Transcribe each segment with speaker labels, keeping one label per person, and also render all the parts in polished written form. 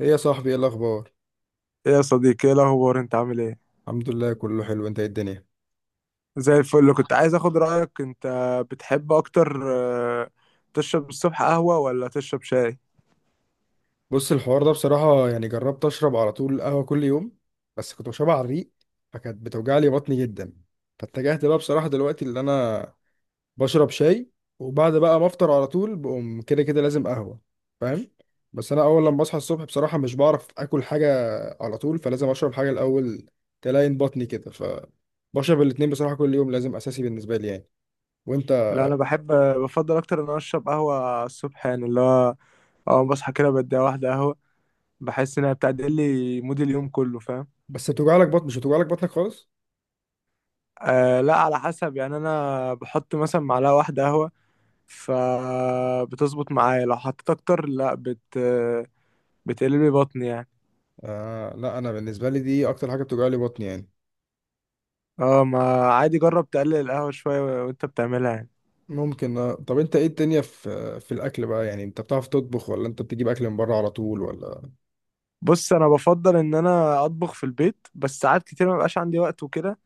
Speaker 1: ايه يا صاحبي، ايه الاخبار؟
Speaker 2: إيه يا صديقي، ايه الاخبار؟ انت عامل ايه؟
Speaker 1: الحمد لله كله حلو. انت ايه الدنيا؟
Speaker 2: زي الفل. كنت عايز اخد رايك، انت بتحب اكتر، آه، تشرب الصبح قهوه ولا تشرب شاي؟
Speaker 1: بص، الحوار ده بصراحه يعني جربت اشرب على طول قهوه كل يوم، بس كنت بشربها على الريق فكانت بتوجع لي بطني جدا. فاتجهت بقى بصراحه دلوقتي اللي انا بشرب شاي، وبعد بقى ما افطر على طول بقوم كده كده لازم قهوه، فاهم؟ بس انا اول لما بصحى الصبح بصراحه مش بعرف اكل حاجه على طول، فلازم اشرب حاجه الاول تلاين بطني كده، فبشرب الاتنين بصراحه كل يوم لازم اساسي بالنسبه لي يعني. وانت؟
Speaker 2: لا انا بحب، بفضل اكتر ان أنا اشرب قهوه الصبح، يعني اللي هو اول ما بصحى كده بدي واحده قهوه، بحس انها بتعدل لي مود اليوم كله، فاهم؟
Speaker 1: بس بتوجع لك بطن، مش بتوجع لك بطنك خالص؟
Speaker 2: أه لا، على حسب يعني. انا بحط مثلا معلقه واحده قهوه فبتظبط معايا، لو حطيت اكتر لا بتقلب لي بطني يعني.
Speaker 1: آه لا، انا بالنسبه لي دي اكتر حاجه بتوجع لي بطني يعني.
Speaker 2: اه ما عادي، جرب تقلل القهوه شويه وانت بتعملها يعني.
Speaker 1: ممكن آه. طب انت ايه الدنيا في الاكل بقى؟ يعني انت بتعرف تطبخ ولا انت بتجيب اكل من بره على طول ولا؟
Speaker 2: بص، انا بفضل ان انا اطبخ في البيت، بس ساعات كتير ما بيبقاش عندي وقت وكده،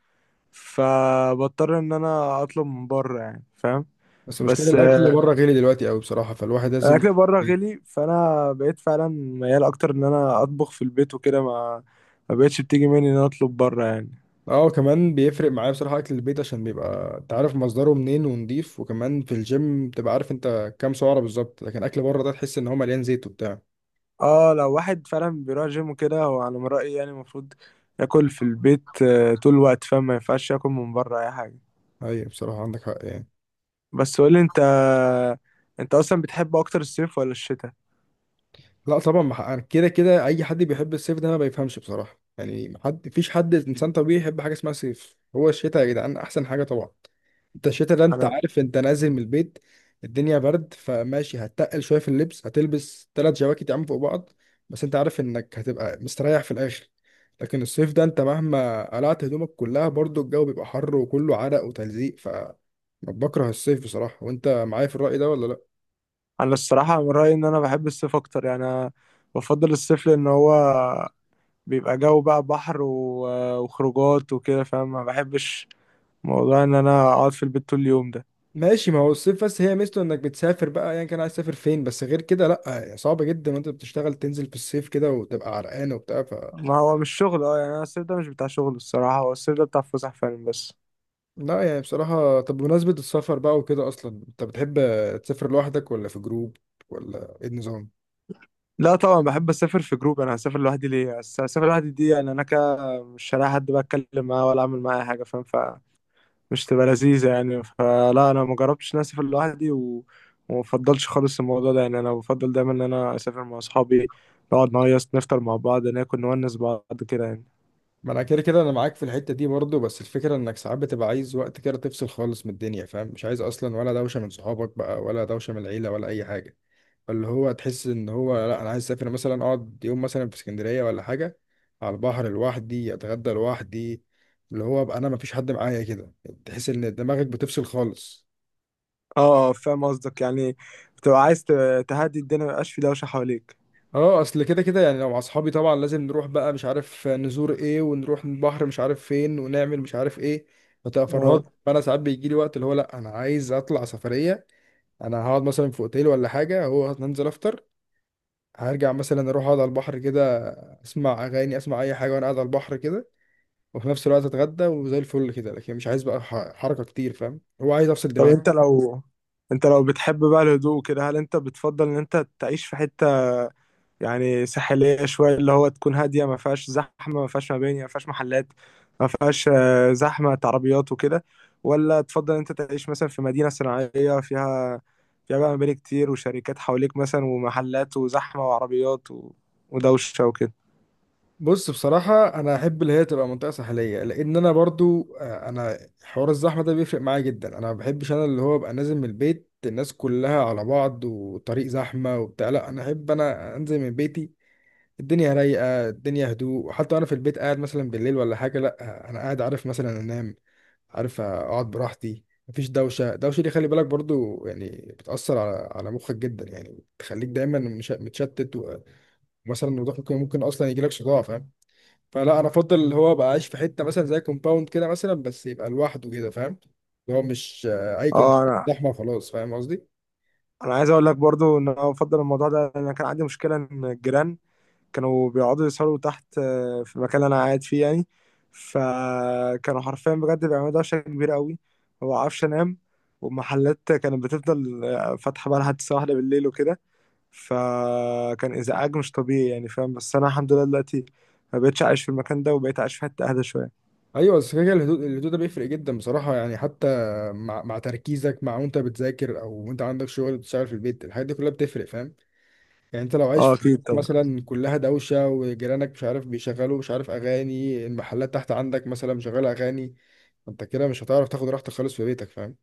Speaker 2: فبضطر ان انا اطلب من بره يعني، فاهم؟
Speaker 1: بس مشكله
Speaker 2: بس
Speaker 1: الاكل بره غالي دلوقتي قوي بصراحه، فالواحد لازم.
Speaker 2: الاكل بره غلي، فانا بقيت فعلا ميال اكتر ان انا اطبخ في البيت وكده، ما بقتش بتيجي مني ان انا اطلب بره يعني.
Speaker 1: اه كمان بيفرق معايا بصراحه اكل البيت، عشان بيبقى انت عارف مصدره منين ونضيف، وكمان في الجيم بتبقى عارف انت كام سعره بالظبط، لكن اكل بره ده تحس ان هو مليان زيت وبتاع.
Speaker 2: اه لو واحد فعلا بيروح جيم وكده، هو على ما رايي يعني المفروض ياكل في البيت طول الوقت، فاهم؟ ما ينفعش ياكل من بره اي حاجه.
Speaker 1: ايوه بصراحه عندك حق يعني.
Speaker 2: بس قولي انت، انت اصلا بتحب اكتر الصيف ولا الشتاء؟
Speaker 1: لا طبعا، ما ح- كده كده اي حد بيحب الصيف ده ما بيفهمش بصراحه يعني. ما حد فيش حد انسان طبيعي يحب حاجه اسمها صيف. هو الشتاء يا جدعان احسن حاجه طبعا. انت الشتاء ده انت
Speaker 2: انا
Speaker 1: عارف انت نازل من البيت الدنيا برد، فماشي هتتقل شويه في اللبس، هتلبس 3 جواكت يا عم فوق بعض، بس انت عارف انك هتبقى مستريح في الاخر. لكن الصيف ده انت مهما قلعت هدومك كلها برضو الجو بيبقى حر وكله عرق وتلزيق ف. بكره الصيف بصراحه، وانت معايا في الرأي ده ولا لا؟
Speaker 2: انا الصراحه من رايي ان انا بحب الصيف اكتر يعني. أنا بفضل الصيف لان هو بيبقى جو بقى، بحر وخروجات وكده، فاهم؟ ما بحبش موضوع ان انا اقعد في البيت طول اليوم ده.
Speaker 1: ماشي، ما هو الصيف بس هي ميزته انك بتسافر بقى، ايا يعني كان عايز تسافر فين، بس غير كده لا يعني صعب جدا وانت بتشتغل تنزل في الصيف كده وتبقى عرقان وبتاع ف.
Speaker 2: ما هو مش شغل، اه يعني انا الصيف ده مش بتاع شغل الصراحه، هو الصيف ده بتاع فسح فعلا بس.
Speaker 1: لا يعني بصراحة. طب بمناسبة السفر بقى وكده، اصلا انت بتحب تسافر لوحدك ولا في جروب؟ ولا ايه النظام؟
Speaker 2: لا طبعا، بحب اسافر في جروب. انا هسافر لوحدي ليه؟ هسافر لوحدي دي يعني انا كده مش هلاقي حد بقى اتكلم معاه ولا اعمل معاه أي حاجه، فاهم؟ مش تبقى لذيذة يعني. فلا، أنا ما جربتش إن أنا أسافر لوحدي وما بفضلش خالص الموضوع ده يعني. أنا بفضل دايما إن أنا أسافر مع أصحابي، نقعد نهيص، نفطر مع بعض، ناكل، نونس بعض كده يعني.
Speaker 1: ما انا كده كده انا معاك في الحتة دي برضه، بس الفكرة انك ساعات بتبقى عايز وقت كده تفصل خالص من الدنيا، فاهم؟ مش عايز اصلا ولا دوشة من صحابك بقى، ولا دوشة من العيلة، ولا اي حاجة. اللي هو تحس ان هو لا، انا عايز اسافر مثلا اقعد يوم مثلا في اسكندريه ولا حاجه على البحر لوحدي، اتغدى لوحدي، اللي هو ابقى انا مفيش حد معايا كده. تحس ان دماغك بتفصل خالص.
Speaker 2: اه فاهم قصدك يعني، بتبقى عايز تهدي الدنيا، ميبقاش في دوشة حواليك.
Speaker 1: اه، اصل كده كده يعني لو مع اصحابي طبعا لازم نروح بقى مش عارف نزور ايه، ونروح البحر مش عارف فين، ونعمل مش عارف ايه، فتبقى فرهاد.
Speaker 2: اه
Speaker 1: فانا ساعات بيجي لي وقت اللي هو لا، انا عايز اطلع سفريه. انا هقعد مثلا في اوتيل ولا حاجه، هو هننزل افطر، هرجع مثلا اروح اقعد على البحر كده، اسمع اغاني اسمع اي حاجه وانا قاعد على البحر كده، وفي نفس الوقت اتغدى وزي الفل كده. لكن مش عايز بقى حركه كتير، فاهم؟ هو عايز افصل
Speaker 2: طب
Speaker 1: دماغي.
Speaker 2: أنت لو، أنت لو بتحب بقى الهدوء كده، هل أنت بتفضل إن أنت تعيش في حتة يعني ساحلية شوية، اللي هو تكون هادية، ما فيهاش زحمة، ما فيهاش مباني، ما فيهاش محلات، ما فيهاش زحمة عربيات وكده؟ ولا تفضل انت تعيش مثلا في مدينة صناعية فيها بقى مباني كتير وشركات حواليك مثلا ومحلات وزحمة وعربيات ودوشة وكده؟
Speaker 1: بص بصراحه انا احب اللي هي تبقى منطقه ساحليه، لان انا برضو انا حوار الزحمه ده بيفرق معايا جدا، انا ما بحبش انا اللي هو ابقى نازل من البيت الناس كلها على بعض والطريق زحمه وبتاع. لا انا احب انا انزل من بيتي الدنيا رايقه، الدنيا هدوء. حتى انا في البيت قاعد مثلا بالليل ولا حاجه، لا انا قاعد عارف مثلا انام، عارف اقعد براحتي مفيش دوشه. الدوشه دي خلي بالك برضو يعني بتاثر على مخك جدا، يعني بتخليك دايما متشتت و، ومثلا وضوح ممكن اصلا يجي لك صداع، فاهم؟ فلا انا افضل اللي هو ابقى عايش في حته مثلا زي كومباوند كده مثلا، بس يبقى لوحده كده، فاهم؟ اللي هو مش اي كومباوند
Speaker 2: اه،
Speaker 1: زحمه خلاص، فاهم قصدي؟
Speaker 2: انا عايز اقول لك برضو ان انا بفضل الموضوع ده. انا كان عندي مشكلة ان الجيران كانوا بيقعدوا يسهروا تحت في المكان اللي انا قاعد فيه يعني، فكانوا حرفيا بجد بيعملوا دوشه كبيره قوي، هو عفش نام. والمحلات كانت بتفضل فاتحه بقى لحد الساعه واحدة بالليل وكده، فكان ازعاج مش طبيعي يعني، فاهم؟ بس انا الحمد لله دلوقتي ما بقتش عايش في المكان ده، وبقيت عايش في حته اهدى شويه.
Speaker 1: ايوه، بس كده كده الهدوء ده بيفرق جدا بصراحه يعني، حتى مع تركيزك، مع وانت بتذاكر او وانت عندك شغل بتشتغل في البيت، الحاجات دي كلها بتفرق، فاهم؟ يعني انت لو عايش
Speaker 2: اه
Speaker 1: في
Speaker 2: اكيد
Speaker 1: حتة
Speaker 2: طبعا.
Speaker 1: مثلا كلها دوشه، وجيرانك مش عارف بيشغلوا مش عارف اغاني، المحلات تحت عندك مثلا مشغله اغاني، انت كده مش هتعرف تاخد راحتك خالص في بيتك، فاهم؟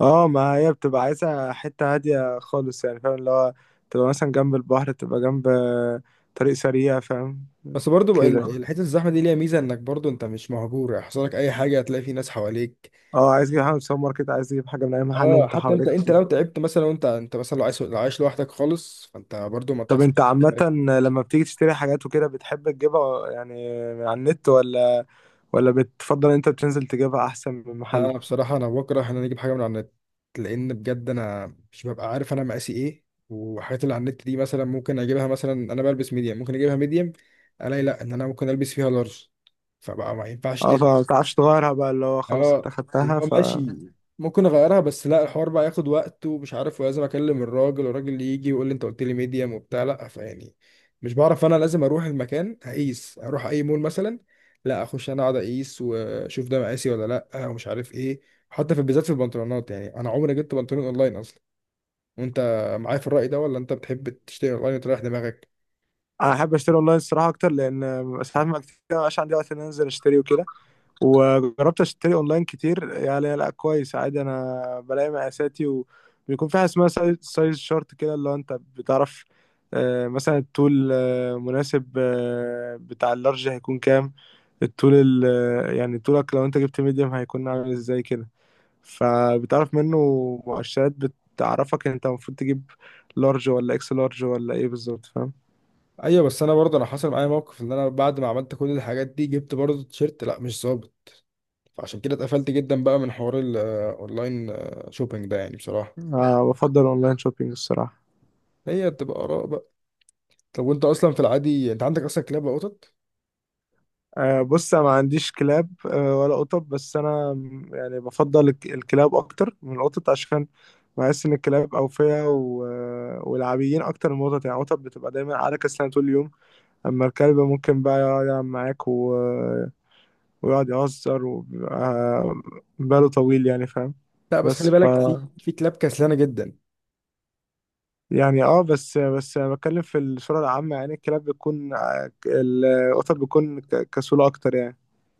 Speaker 2: اه ما هي بتبقى عايزه حته هاديه خالص يعني، فاهم؟ اللي هو تبقى مثلا جنب البحر، تبقى جنب طريق سريع، فاهم
Speaker 1: بس برضو بقى
Speaker 2: كده؟
Speaker 1: الحته الزحمه دي ليها ميزه انك برضو انت مش مهجور يحصل لك اي حاجه، هتلاقي في ناس حواليك.
Speaker 2: اه عايز تجيب حاجه من السوبر ماركت، عايز تجيب حاجه من اي محل
Speaker 1: اه،
Speaker 2: انت
Speaker 1: حتى انت
Speaker 2: حواليك.
Speaker 1: انت لو تعبت مثلا، وانت انت مثلا لو عايش لوحدك خالص فانت برضو ما
Speaker 2: طب
Speaker 1: بتحصل.
Speaker 2: انت عامه لما بتيجي تشتري حاجات وكده، بتحب تجيبها يعني من على النت، ولا بتفضل انت بتنزل تجيبها احسن من
Speaker 1: لا
Speaker 2: محل؟
Speaker 1: انا بصراحه انا بكره ان انا اجيب حاجه من على النت، لان بجد انا مش ببقى عارف انا مقاسي ايه، والحاجات اللي على النت دي مثلا ممكن اجيبها مثلا انا بلبس ميديم ممكن اجيبها ميديم، الاقي لا ان انا ممكن البس فيها لارج، فبقى ما ينفعش
Speaker 2: اه،
Speaker 1: ترجع.
Speaker 2: فما بتعرفش تغيرها بقى، اللي هو خلاص
Speaker 1: اه،
Speaker 2: انت
Speaker 1: اللي
Speaker 2: خدتها
Speaker 1: هو
Speaker 2: ف...
Speaker 1: ماشي ممكن اغيرها، بس لا الحوار بقى ياخد وقت ومش عارف، ولازم اكلم الراجل، والراجل اللي يجي يقول لي انت قلت لي ميديم وبتاع، لا فيعني مش بعرف، انا لازم اروح المكان اقيس، اروح اي مول مثلا لا اخش انا اقعد اقيس واشوف ده مقاسي ولا لا، ومش عارف ايه. حتى في بالذات في البنطلونات يعني انا عمري جبت بنطلون اونلاين اصلا. وانت معايا في الرأي ده، ولا انت بتحب تشتري اونلاين وتريح دماغك؟
Speaker 2: انا احب اشتري اونلاين الصراحه اكتر، لان ساعات ما كتير مبقاش عندي وقت ان أنا انزل اشتري وكده. وجربت اشتري اونلاين كتير يعني، لا كويس عادي، انا بلاقي مقاساتي، وبيكون في حاجه اسمها سايز، سايز شورت كده، اللي هو انت بتعرف مثلا الطول مناسب بتاع اللارج هيكون كام، الطول ال آه، يعني طولك لو انت جبت ميديم هيكون عامل ازاي كده، فبتعرف منه مؤشرات بتعرفك انت المفروض تجيب لارج ولا اكس لارج ولا ايه بالظبط، فاهم؟
Speaker 1: ايوه، بس انا برضه انا حصل معايا موقف ان انا بعد ما عملت كل الحاجات دي جبت برضه تيشيرت لا مش ظابط، فعشان كده اتقفلت جدا بقى من حوار الاونلاين شوبينج ده يعني بصراحه.
Speaker 2: بفضل اونلاين شوبينج الصراحه.
Speaker 1: هي بتبقى اراء بقى. طب وانت اصلا في العادي، انت عندك اصلا كلاب وقطط؟
Speaker 2: بص انا ما عنديش كلاب ولا قطط، بس انا يعني بفضل الكلاب اكتر من القطط، عشان بحس ان الكلاب اوفياء ولعبيين اكتر من القطط يعني. القطط بتبقى دايما على كسلانه طول اليوم، اما الكلب ممكن بقى يقعد يلعب معاك و... آه، ويقعد يهزر، وبيبقى باله طويل يعني، فاهم؟
Speaker 1: لا، بس
Speaker 2: بس
Speaker 1: خلي
Speaker 2: ف
Speaker 1: بالك في كلاب كسلانه جدا.
Speaker 2: يعني اه، بس انا بتكلم في الصوره العامه يعني، الكلاب بتكون القطط بتكون كسوله اكتر يعني.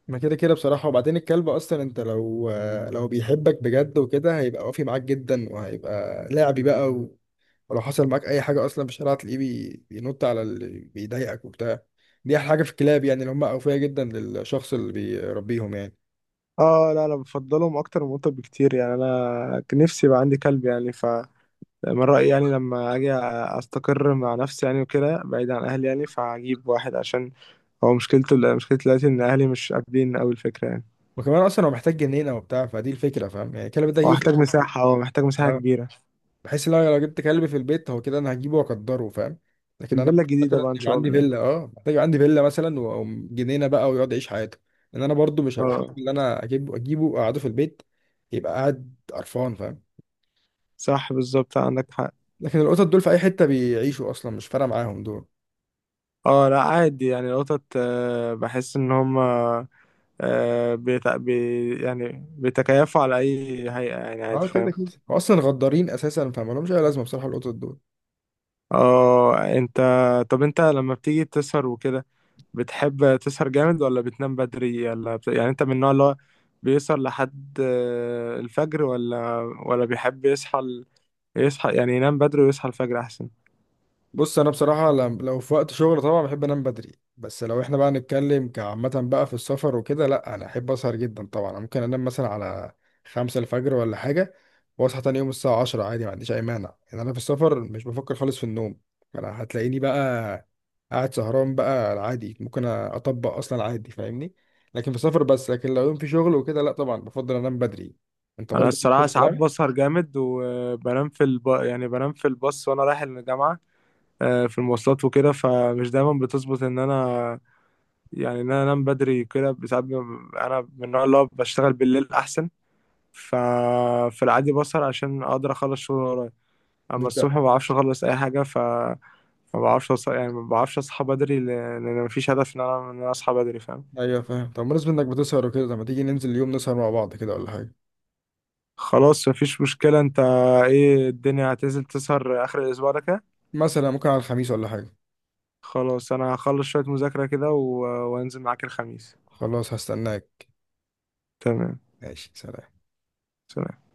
Speaker 1: ما كده كده بصراحه، وبعدين الكلب اصلا انت لو بيحبك بجد وكده هيبقى وافي معاك جدا، وهيبقى لعبي بقى و، ولو حصل معاك اي حاجه اصلا في الشارع هتلاقيه بينط على اللي بيضايقك وبتاع. دي احلى حاجه في الكلاب يعني اللي هم اوفياء جدا للشخص اللي بيربيهم يعني.
Speaker 2: اه لا انا بفضلهم اكتر من القطط بكتير يعني، انا كان نفسي يبقى عندي كلب يعني. ف من رأيي يعني لما اجي استقر مع نفسي يعني وكده بعيد عن اهلي يعني، فهجيب واحد. عشان هو مشكلته، مشكلتي دلوقتي ان اهلي مش قابلين قوي الفكرة يعني.
Speaker 1: وكمان اصلا هو محتاج جنينه وبتاع، فدي الفكره، فاهم؟ يعني الكلب ده
Speaker 2: هو
Speaker 1: يوفي.
Speaker 2: محتاج مساحة هو محتاج مساحة
Speaker 1: اه،
Speaker 2: كبيرة.
Speaker 1: بحيث لو جبت كلب في البيت، هو كده انا هجيبه واقدره، فاهم؟
Speaker 2: في
Speaker 1: لكن انا
Speaker 2: الفيلا
Speaker 1: محتاج
Speaker 2: الجديدة
Speaker 1: مثلا
Speaker 2: بقى ان
Speaker 1: يبقى
Speaker 2: شاء
Speaker 1: عندي
Speaker 2: الله.
Speaker 1: فيلا، اه محتاج يبقى عندي فيلا مثلا، وجنينه بقى ويقعد يعيش حياته. لان انا برضو مش هبقى حابب
Speaker 2: اه
Speaker 1: ان انا اجيبه واقعده في البيت يبقى قاعد قرفان، فاهم؟
Speaker 2: صح بالظبط، عندك حق.
Speaker 1: لكن القطط دول في اي حته بيعيشوا اصلا، مش فارقه معاهم دول.
Speaker 2: اه لا عادي يعني، القطط بحس ان هما يعني بيتكيفوا على اي هيئة يعني
Speaker 1: اه
Speaker 2: عادي،
Speaker 1: كده
Speaker 2: فاهم؟
Speaker 1: كده هو اصلا غدارين اساسا، فما لهمش اي لازمه بصراحه القطط دول.
Speaker 2: اه، طب انت لما بتيجي تسهر وكده، بتحب تسهر جامد ولا بتنام بدري ولا يعني انت من النوع اللي هو بيسهر لحد الفجر، ولا بيحب يصحى يصحى يعني ينام بدري ويصحى الفجر احسن؟
Speaker 1: بص انا بصراحه لو في وقت شغل طبعا بحب انام بدري، بس لو احنا بقى نتكلم كعامه بقى في السفر وكده، لا انا احب اسهر جدا طبعا. أنا ممكن انام مثلا على 5 الفجر ولا حاجه، واصحى تاني يوم الساعه 10 عادي، ما عنديش اي مانع يعني، انا في السفر مش بفكر خالص في النوم. انا هتلاقيني بقى قاعد سهران بقى عادي، ممكن اطبق اصلا عادي، فاهمني؟ لكن في السفر بس، لكن لو يوم في شغل وكده لا طبعا بفضل انام بدري. انت
Speaker 2: انا
Speaker 1: برضو نفس
Speaker 2: الصراحة ساعات
Speaker 1: الكلام؟
Speaker 2: بسهر جامد، وبنام في يعني بنام في الباص وانا رايح الجامعة في المواصلات وكده، فمش دايما بتظبط ان انا يعني ان انا انام بدري كده. ساعات انا من النوع اللي هو بشتغل بالليل احسن، ففي العادي بسهر عشان اقدر اخلص شغل اللي ورايا، اما
Speaker 1: مش
Speaker 2: الصبح
Speaker 1: بقى.
Speaker 2: ما بعرفش اخلص اي حاجه. ف ما بعرفش يعني ما بعرفش اصحى بدري لان أنا مفيش هدف ان انا ان انا اصحى بدري، فاهم؟
Speaker 1: ايوه فاهم. طب بالنسبه انك بتسهر وكده، طب ما تيجي ننزل اليوم نسهر مع بعض كده ولا حاجه؟
Speaker 2: خلاص مفيش مشكله. انت ايه الدنيا، هتنزل تسهر اخر الاسبوع ده كده؟
Speaker 1: مثلا ممكن على الخميس ولا حاجة.
Speaker 2: خلاص انا هخلص شويه مذاكره كده وانزل معاك الخميس.
Speaker 1: خلاص، هستناك.
Speaker 2: تمام،
Speaker 1: ماشي، سلام.
Speaker 2: سلام.